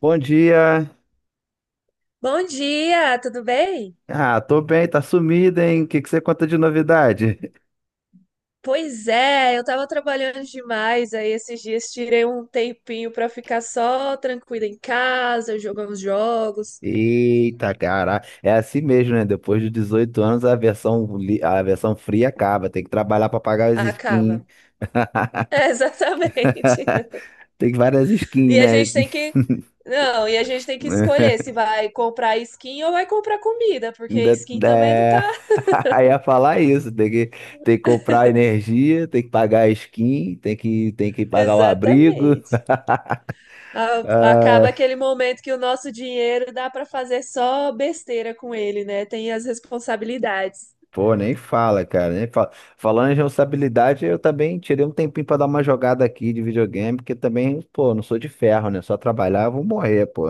Bom dia. Bom dia, tudo bem? Ah, tô bem, tá sumido, hein? O que que você conta de novidade? Pois é, eu tava trabalhando demais aí esses dias, tirei um tempinho pra ficar só tranquila em casa, jogar uns jogos. Eita, cara, é assim mesmo, né? Depois de 18 anos, a versão, a versão fria acaba. Tem que trabalhar pra pagar as skins. Acaba. É, exatamente. Tem várias skins, E a né? gente tem que, não, e a gente tem que escolher se vai comprar skin ou vai comprar comida, porque Ainda- skin também não tá. É... Aí ia falar isso. Tem que comprar energia, tem que pagar a skin, tem que pagar o abrigo. Exatamente. Acaba aquele momento que o nosso dinheiro dá pra fazer só besteira com ele, né? Tem as responsabilidades. Pô, nem fala, cara, nem fala. Falando em responsabilidade, eu também tirei um tempinho pra dar uma jogada aqui de videogame, porque também, pô, não sou de ferro, né? Só trabalhar, eu vou morrer, pô.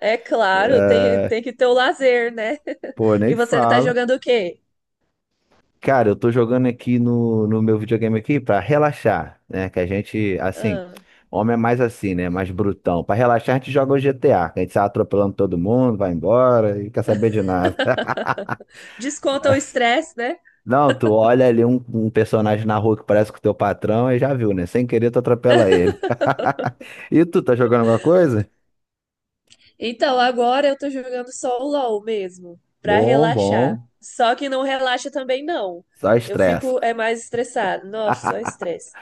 É claro, tem que ter o lazer, né? Pô, nem E você tá fala. jogando o quê? Cara, eu tô jogando aqui no meu videogame aqui pra relaxar, né? Que a gente, assim, Ah, homem é mais assim, né? Mais brutão. Pra relaxar, a gente joga o GTA, que a gente sai atropelando todo mundo, vai embora e quer saber de nada. desconta o estresse, né? Não, tu olha ali um personagem na rua que parece com o teu patrão e já viu, né? Sem querer, tu atropela ele. E tu, tá jogando alguma coisa? Então, agora eu tô jogando só o LoL mesmo, pra Bom, relaxar. bom. Só que não relaxa também, não. Só Eu estressa. fico é mais estressado. Nossa, só estresse.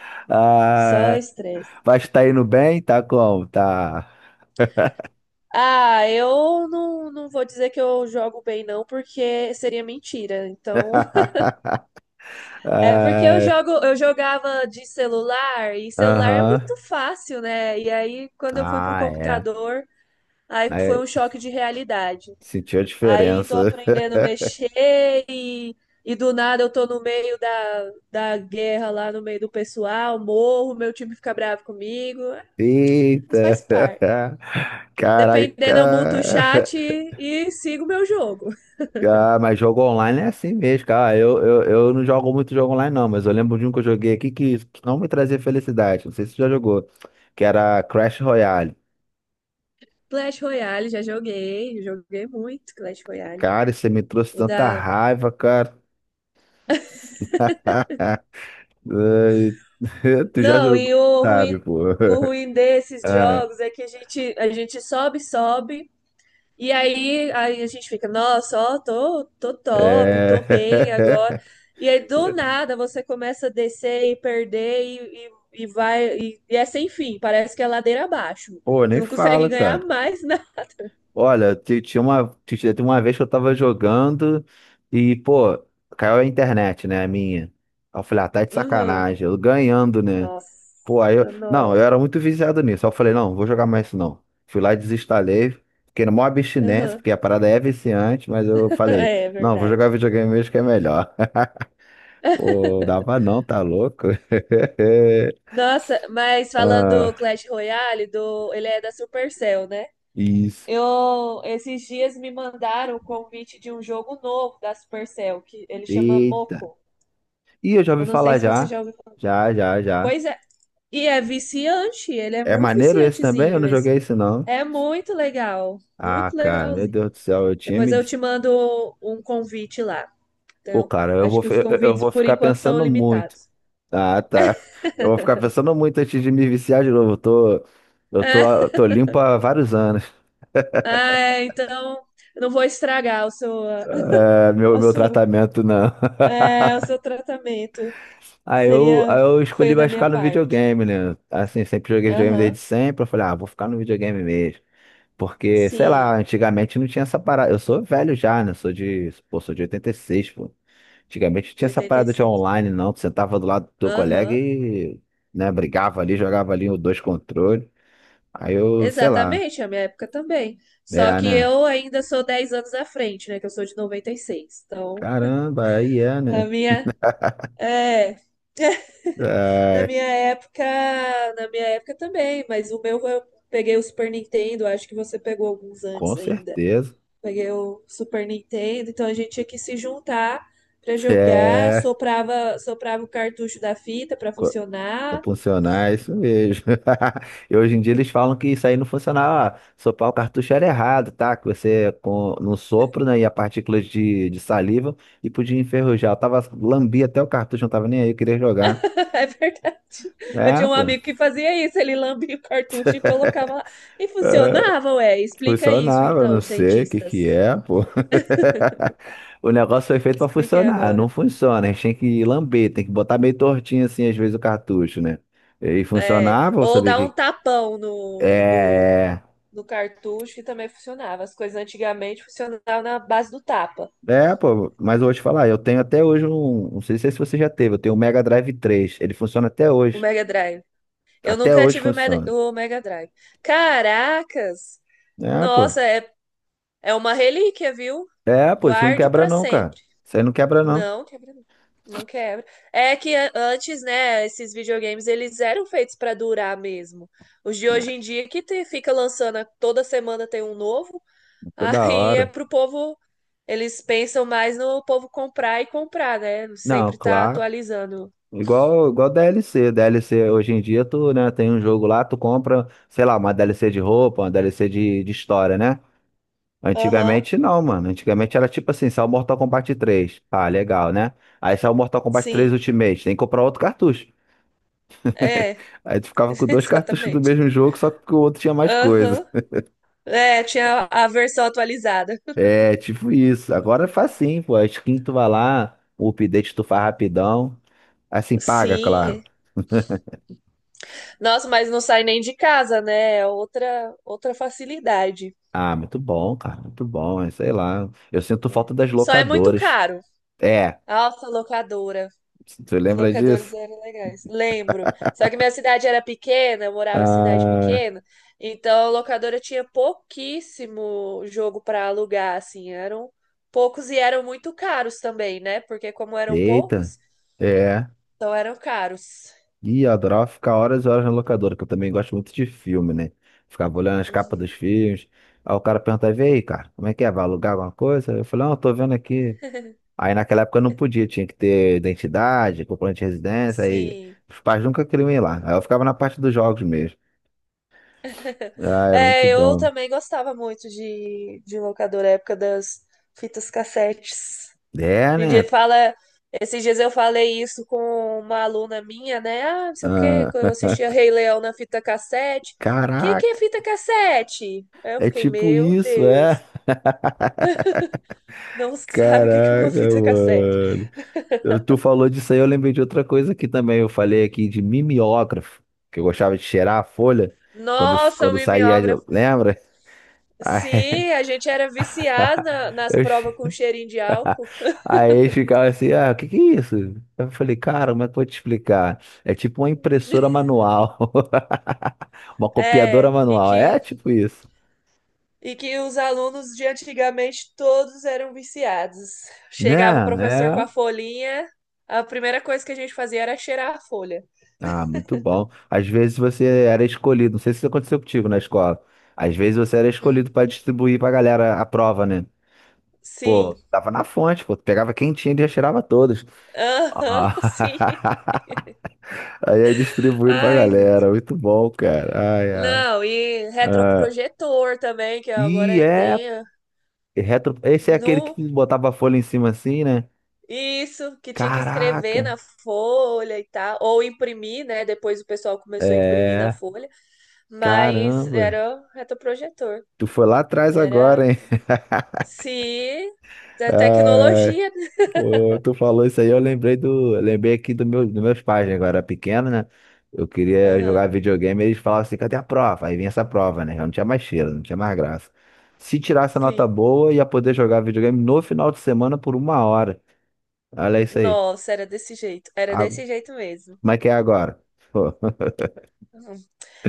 Só Ah, estresse. mas tá indo bem? Tá como? Tá. Ah, eu não, não vou dizer que eu jogo bem, não, porque seria mentira. Então, é porque Ah, eu jogava de celular e celular é aham. muito fácil, né? E aí quando eu fui pro Ah, é. computador, aí foi Aí, um choque de realidade. sentiu a Aí tô diferença. aprendendo a mexer e do nada eu tô no meio da guerra lá no meio do pessoal, morro, meu time fica bravo comigo. É, mas Eita. faz parte. Caraca. Dependendo, eu muto o chat e sigo meu jogo. Ah, mas jogo online é assim mesmo, cara. Ah, eu não jogo muito jogo online, não, mas eu lembro de um que eu joguei aqui que não me trazia felicidade. Não sei se você já jogou. Que era Crash Royale. Clash Royale, já joguei, joguei muito Clash Royale. Cara, você me trouxe O tanta da raiva, cara. Ai, Tu já Não, jogou, sabe, pô. o ruim desses Ah, jogos é que a gente sobe, sobe, aí a gente fica, nossa, ó, tô top, tô bem agora. É... E aí, do nada, você começa a descer e perder. E é sem fim, parece que é ladeira abaixo. Pô, Você nem não consegue fala, ganhar cara. mais, né? Olha, tinha uma vez que eu tava jogando e, pô, caiu a internet, né, a minha. Aí eu falei, ah, tá de Uhum. sacanagem. Eu ganhando, né? Pô, aí eu. Nossa, Não, eu não. era muito viciado nisso. Aí eu falei, não, vou jogar mais isso não. Fui lá e desinstalei. Fiquei na maior abstinência, Uhum. porque a parada é viciante, mas eu falei, É, é não, vou verdade. jogar videogame mesmo que é melhor. Pô, dava não, tá louco? Nossa, mas falando do Clash Royale, ele é da Supercell, né? Isso. Eu, esses dias me mandaram o convite de um jogo novo da Supercell, que ele chama Eita. Moco. Ih, eu já ouvi Eu não sei falar se você já. já ouviu. Já, já, já. Pois é, e é viciante, ele é É muito maneiro esse também? Eu viciantezinho não joguei esse. esse não. É muito legal, Ah, muito cara, meu legalzinho. Deus do céu, eu tinha Depois me eu disse. te mando um convite lá. Pô, Então, cara, eu acho vou, que fi- os eu eu convites vou por ficar enquanto são pensando muito. limitados. Ah, tá. Eu vou ficar pensando muito antes de me viciar de novo. Tô limpo há vários anos. Ah, então, eu não vou estragar o seu, É, meu, a meu sua- tratamento não. é, o seu tratamento. Aí eu, Seria aí eu escolhi feio da mais minha ficar no parte. videogame, né? Assim, sempre joguei videogame Aham. desde sempre. Eu falei, ah, vou ficar no videogame mesmo. Porque, sei Sim, lá, antigamente não tinha essa parada. Eu sou velho já, né? Sou de 86, pô. Antigamente não tinha de essa oitenta e parada de seis. online, não. Tu sentava do lado do teu colega Aham, e, né, brigava ali, jogava ali os dois controles. Aí eu, sei lá, exatamente, a minha época também. Só é, que né? eu ainda sou 10 anos à frente, né? Que eu sou de 96. Então, Caramba, aí é, na né? minha. É, na É, minha época, na minha época também, mas o meu eu peguei o Super Nintendo, acho que você pegou alguns com antes ainda. certeza. Peguei o Super Nintendo, então a gente tinha que se juntar pra jogar, É, soprava, soprava o cartucho da fita pra co- funcionar. funcionar, é isso mesmo. E hoje em dia eles falam que isso aí não funcionava. Ah, sopar o cartucho era errado, tá? Que você, com, no sopro, né, ia partículas de saliva e podia enferrujar. Eu tava, lambi até o cartucho, não tava nem aí, eu queria jogar. É verdade. Eu É, tinha um pô, amigo que fazia isso, ele lambia o cartucho e colocava lá. E funcionava, ué. Explica isso funcionava, eu então, não os sei o que que cientistas. é, pô. O negócio foi feito pra Expliquem funcionar, não agora. funciona. A gente tem que lamber, tem que botar meio tortinho assim, às vezes, o cartucho, né? E É, funcionava, eu ou sabia dar um que. tapão É, no cartucho, que também funcionava. As coisas antigamente funcionavam na base do tapa. é, pô, mas eu vou te falar, eu tenho até hoje um. Não sei se você já teve, eu tenho um Mega Drive 3. Ele funciona até O hoje. Mega Drive. Eu Até nunca hoje tive funciona. o Mega Drive. Caracas! É, pô. Nossa, é, é uma relíquia, viu? É, pô, isso não Guarde quebra para não, cara. sempre. Isso aí não quebra não. Não, quebra não. Não quebra. É que antes, né, esses videogames eles eram feitos pra durar mesmo. Os de hoje em dia que fica lançando toda semana tem um novo, Toda aí é hora. pro povo, eles pensam mais no povo comprar e comprar, né? Não, Sempre tá claro. atualizando. Igual DLC. DLC hoje em dia, tu, né, tem um jogo lá, tu compra, sei lá, uma DLC de roupa, uma DLC de história, né? Aham, Antigamente não, mano. Antigamente era tipo assim, saiu Mortal Kombat 3. Ah, legal, né? Aí saiu Mortal Kombat 3 sim. Ultimate, tem que comprar outro cartucho. É, Aí tu ficava com dois cartuchos do exatamente. mesmo jogo, só que o outro tinha mais coisa. Aham. É, tinha a versão atualizada. É, tipo isso. Agora é facinho, pô. A skin tu vai lá, o update tu faz rapidão. Assim, paga, claro. Sim. Nossa, mas não sai nem de casa, né? É outra outra facilidade. Ah, muito bom, cara, muito bom, mas sei lá. Eu sinto É. falta das Só é muito locadoras. caro. É, Nossa, locadora. você Os lembra locadores disso? eram legais. Lembro. Só que minha cidade era pequena, eu morava em cidade Ah, pequena, então a locadora tinha pouquíssimo jogo para alugar, assim, eram poucos e eram muito caros também, né? Porque como eram eita, poucos, é. então eram caros. Ih, eu adorava ficar horas e horas na locadora, que eu também gosto muito de filme, né? Ficava olhando as capas dos Uhum. filmes. Aí o cara perguntava, e aí, cara, como é que é? Vai alugar alguma coisa? Eu falei, não, eu tô vendo aqui. Aí naquela época eu não podia, tinha que ter identidade, comprovante de residência, aí Sim. os pais nunca queriam ir lá. Aí eu ficava na parte dos jogos mesmo. Ah, era muito É, eu bom. também gostava muito de locadora, época das fitas cassetes. É, A gente né? fala. Esses dias eu falei isso com uma aluna minha, né? Ah, não sei o quê, que eu Ah, assistia Rei Leão na fita cassete. O que que caraca, é fita cassete? Aí eu é fiquei, tipo meu isso, é? Deus, não sabe o que que é uma Caraca, fita cassete. mano. Tu falou disso aí, eu lembrei de outra coisa aqui também. Eu falei aqui de mimeógrafo, que eu gostava de cheirar a folha quando, Nossa, o quando saía, mimeógrafo. lembra? Aí, Sim, a gente era viciado nas eu, che- provas com cheirinho de álcool. aí eles ficavam assim, ah, o que que é isso? Eu falei, cara, como é que eu vou te explicar? É tipo uma impressora manual, uma copiadora É, e manual, é que tipo isso, E que os alunos de antigamente todos eram viciados. né? Chegava o professor com a É. folhinha, a primeira coisa que a gente fazia era cheirar a folha. Ah, muito bom. Às vezes você era escolhido, não sei se isso aconteceu contigo na escola. Às vezes você era escolhido Hum. para distribuir pra galera a prova, né? Pô, Sim. tava na fonte, pô, tu pegava quem tinha e já tirava todos. Aham, Ah, sim. Aí é distribuindo pra Ai, gente. galera, muito bom, cara. Ai, ai. Não, e Ah, retroprojetor também, que e agora é tem ah, retro, esse é aquele no que botava a folha em cima assim, né? isso, que tinha que escrever Caraca. na folha e tal, ou imprimir, né? Depois o pessoal começou a imprimir na É, folha, mas caramba. era retroprojetor. Tu foi lá atrás agora, Era hein? Sim, da Ah, tecnologia, né? pô, tu falou isso aí, eu lembrei aqui dos meus pais, né? Quando eu era pequeno, né? Eu queria Aham, jogar videogame, eles falavam assim, cadê a prova? Aí vinha essa prova, né? Eu não tinha mais cheiro, não tinha mais graça. Se tirasse a nota sim. boa, ia poder jogar videogame no final de semana por uma hora. Olha isso aí. Nossa, era desse jeito. Era A- desse jeito mesmo. Como é que é agora? Pô, Uhum.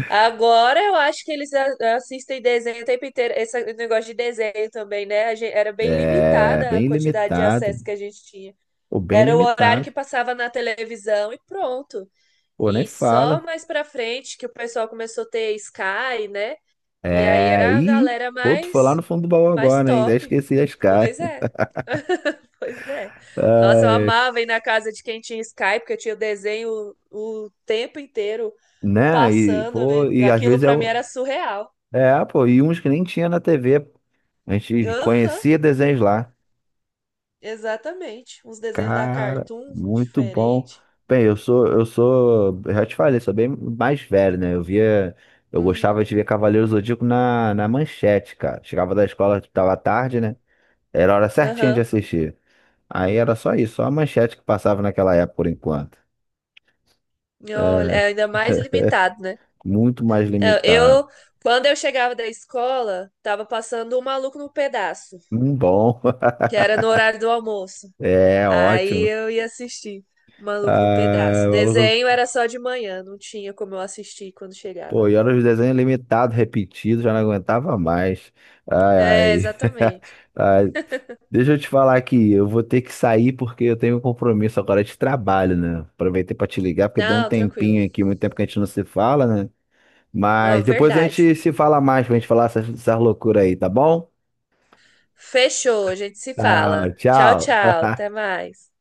Agora eu acho que eles assistem desenho o tempo inteiro. Esse negócio de desenho também, né? A gente, era bem é limitada a bem quantidade de limitado. acesso que a gente tinha. Pô, bem Era o horário que limitado. passava na televisão e pronto. Pô, nem E só fala. mais pra frente que o pessoal começou a ter Sky, né? E aí É, era a e, galera pô, tu foi lá no mais, fundo do baú mais agora, hein? Já top. esqueci as caras. Pois é. Pois é. Nossa, eu amava ir na casa de quem tinha Skype, porque tinha o desenho o tempo inteiro Né? E, passando. pô, E e às aquilo vezes pra mim era surreal. é, pô, e uns que nem tinha na TV. A gente Aham, conhecia desenhos lá. exatamente. Uns desenhos da Cara, Cartoon muito bom. diferente. Bem, eu já te falei, sou bem mais velho, né? Eu Uhum, gostava de ver Cavaleiro Zodíaco na manchete, cara. Chegava da escola, tava tarde, né? Era a hora certinha de aham. assistir. Aí era só isso, só a manchete que passava naquela época por enquanto. E olha, é ainda mais limitado, né? Muito mais Não, limitado. eu, quando eu chegava da escola, tava passando o Maluco no Pedaço, Bom. que era no horário do almoço. É, Aí ótimo. eu ia assistir Maluco no Ai, Pedaço. Desenho maluco. era só de manhã, não tinha como eu assistir quando Pô, chegava. e olha os desenhos limitados, repetidos, já não aguentava mais. Ai, É, ai. exatamente. Ai, deixa eu te falar aqui, eu vou ter que sair porque eu tenho um compromisso agora de trabalho, né? Aproveitei pra te ligar porque deu um Não, tranquilo. tempinho aqui, muito tempo que a gente não se fala, né? Mas Não, depois a verdade. gente se fala mais pra gente falar essas loucuras aí, tá bom? Fechou, a gente se Tá, fala. Tchau, tchau. tchau, até mais.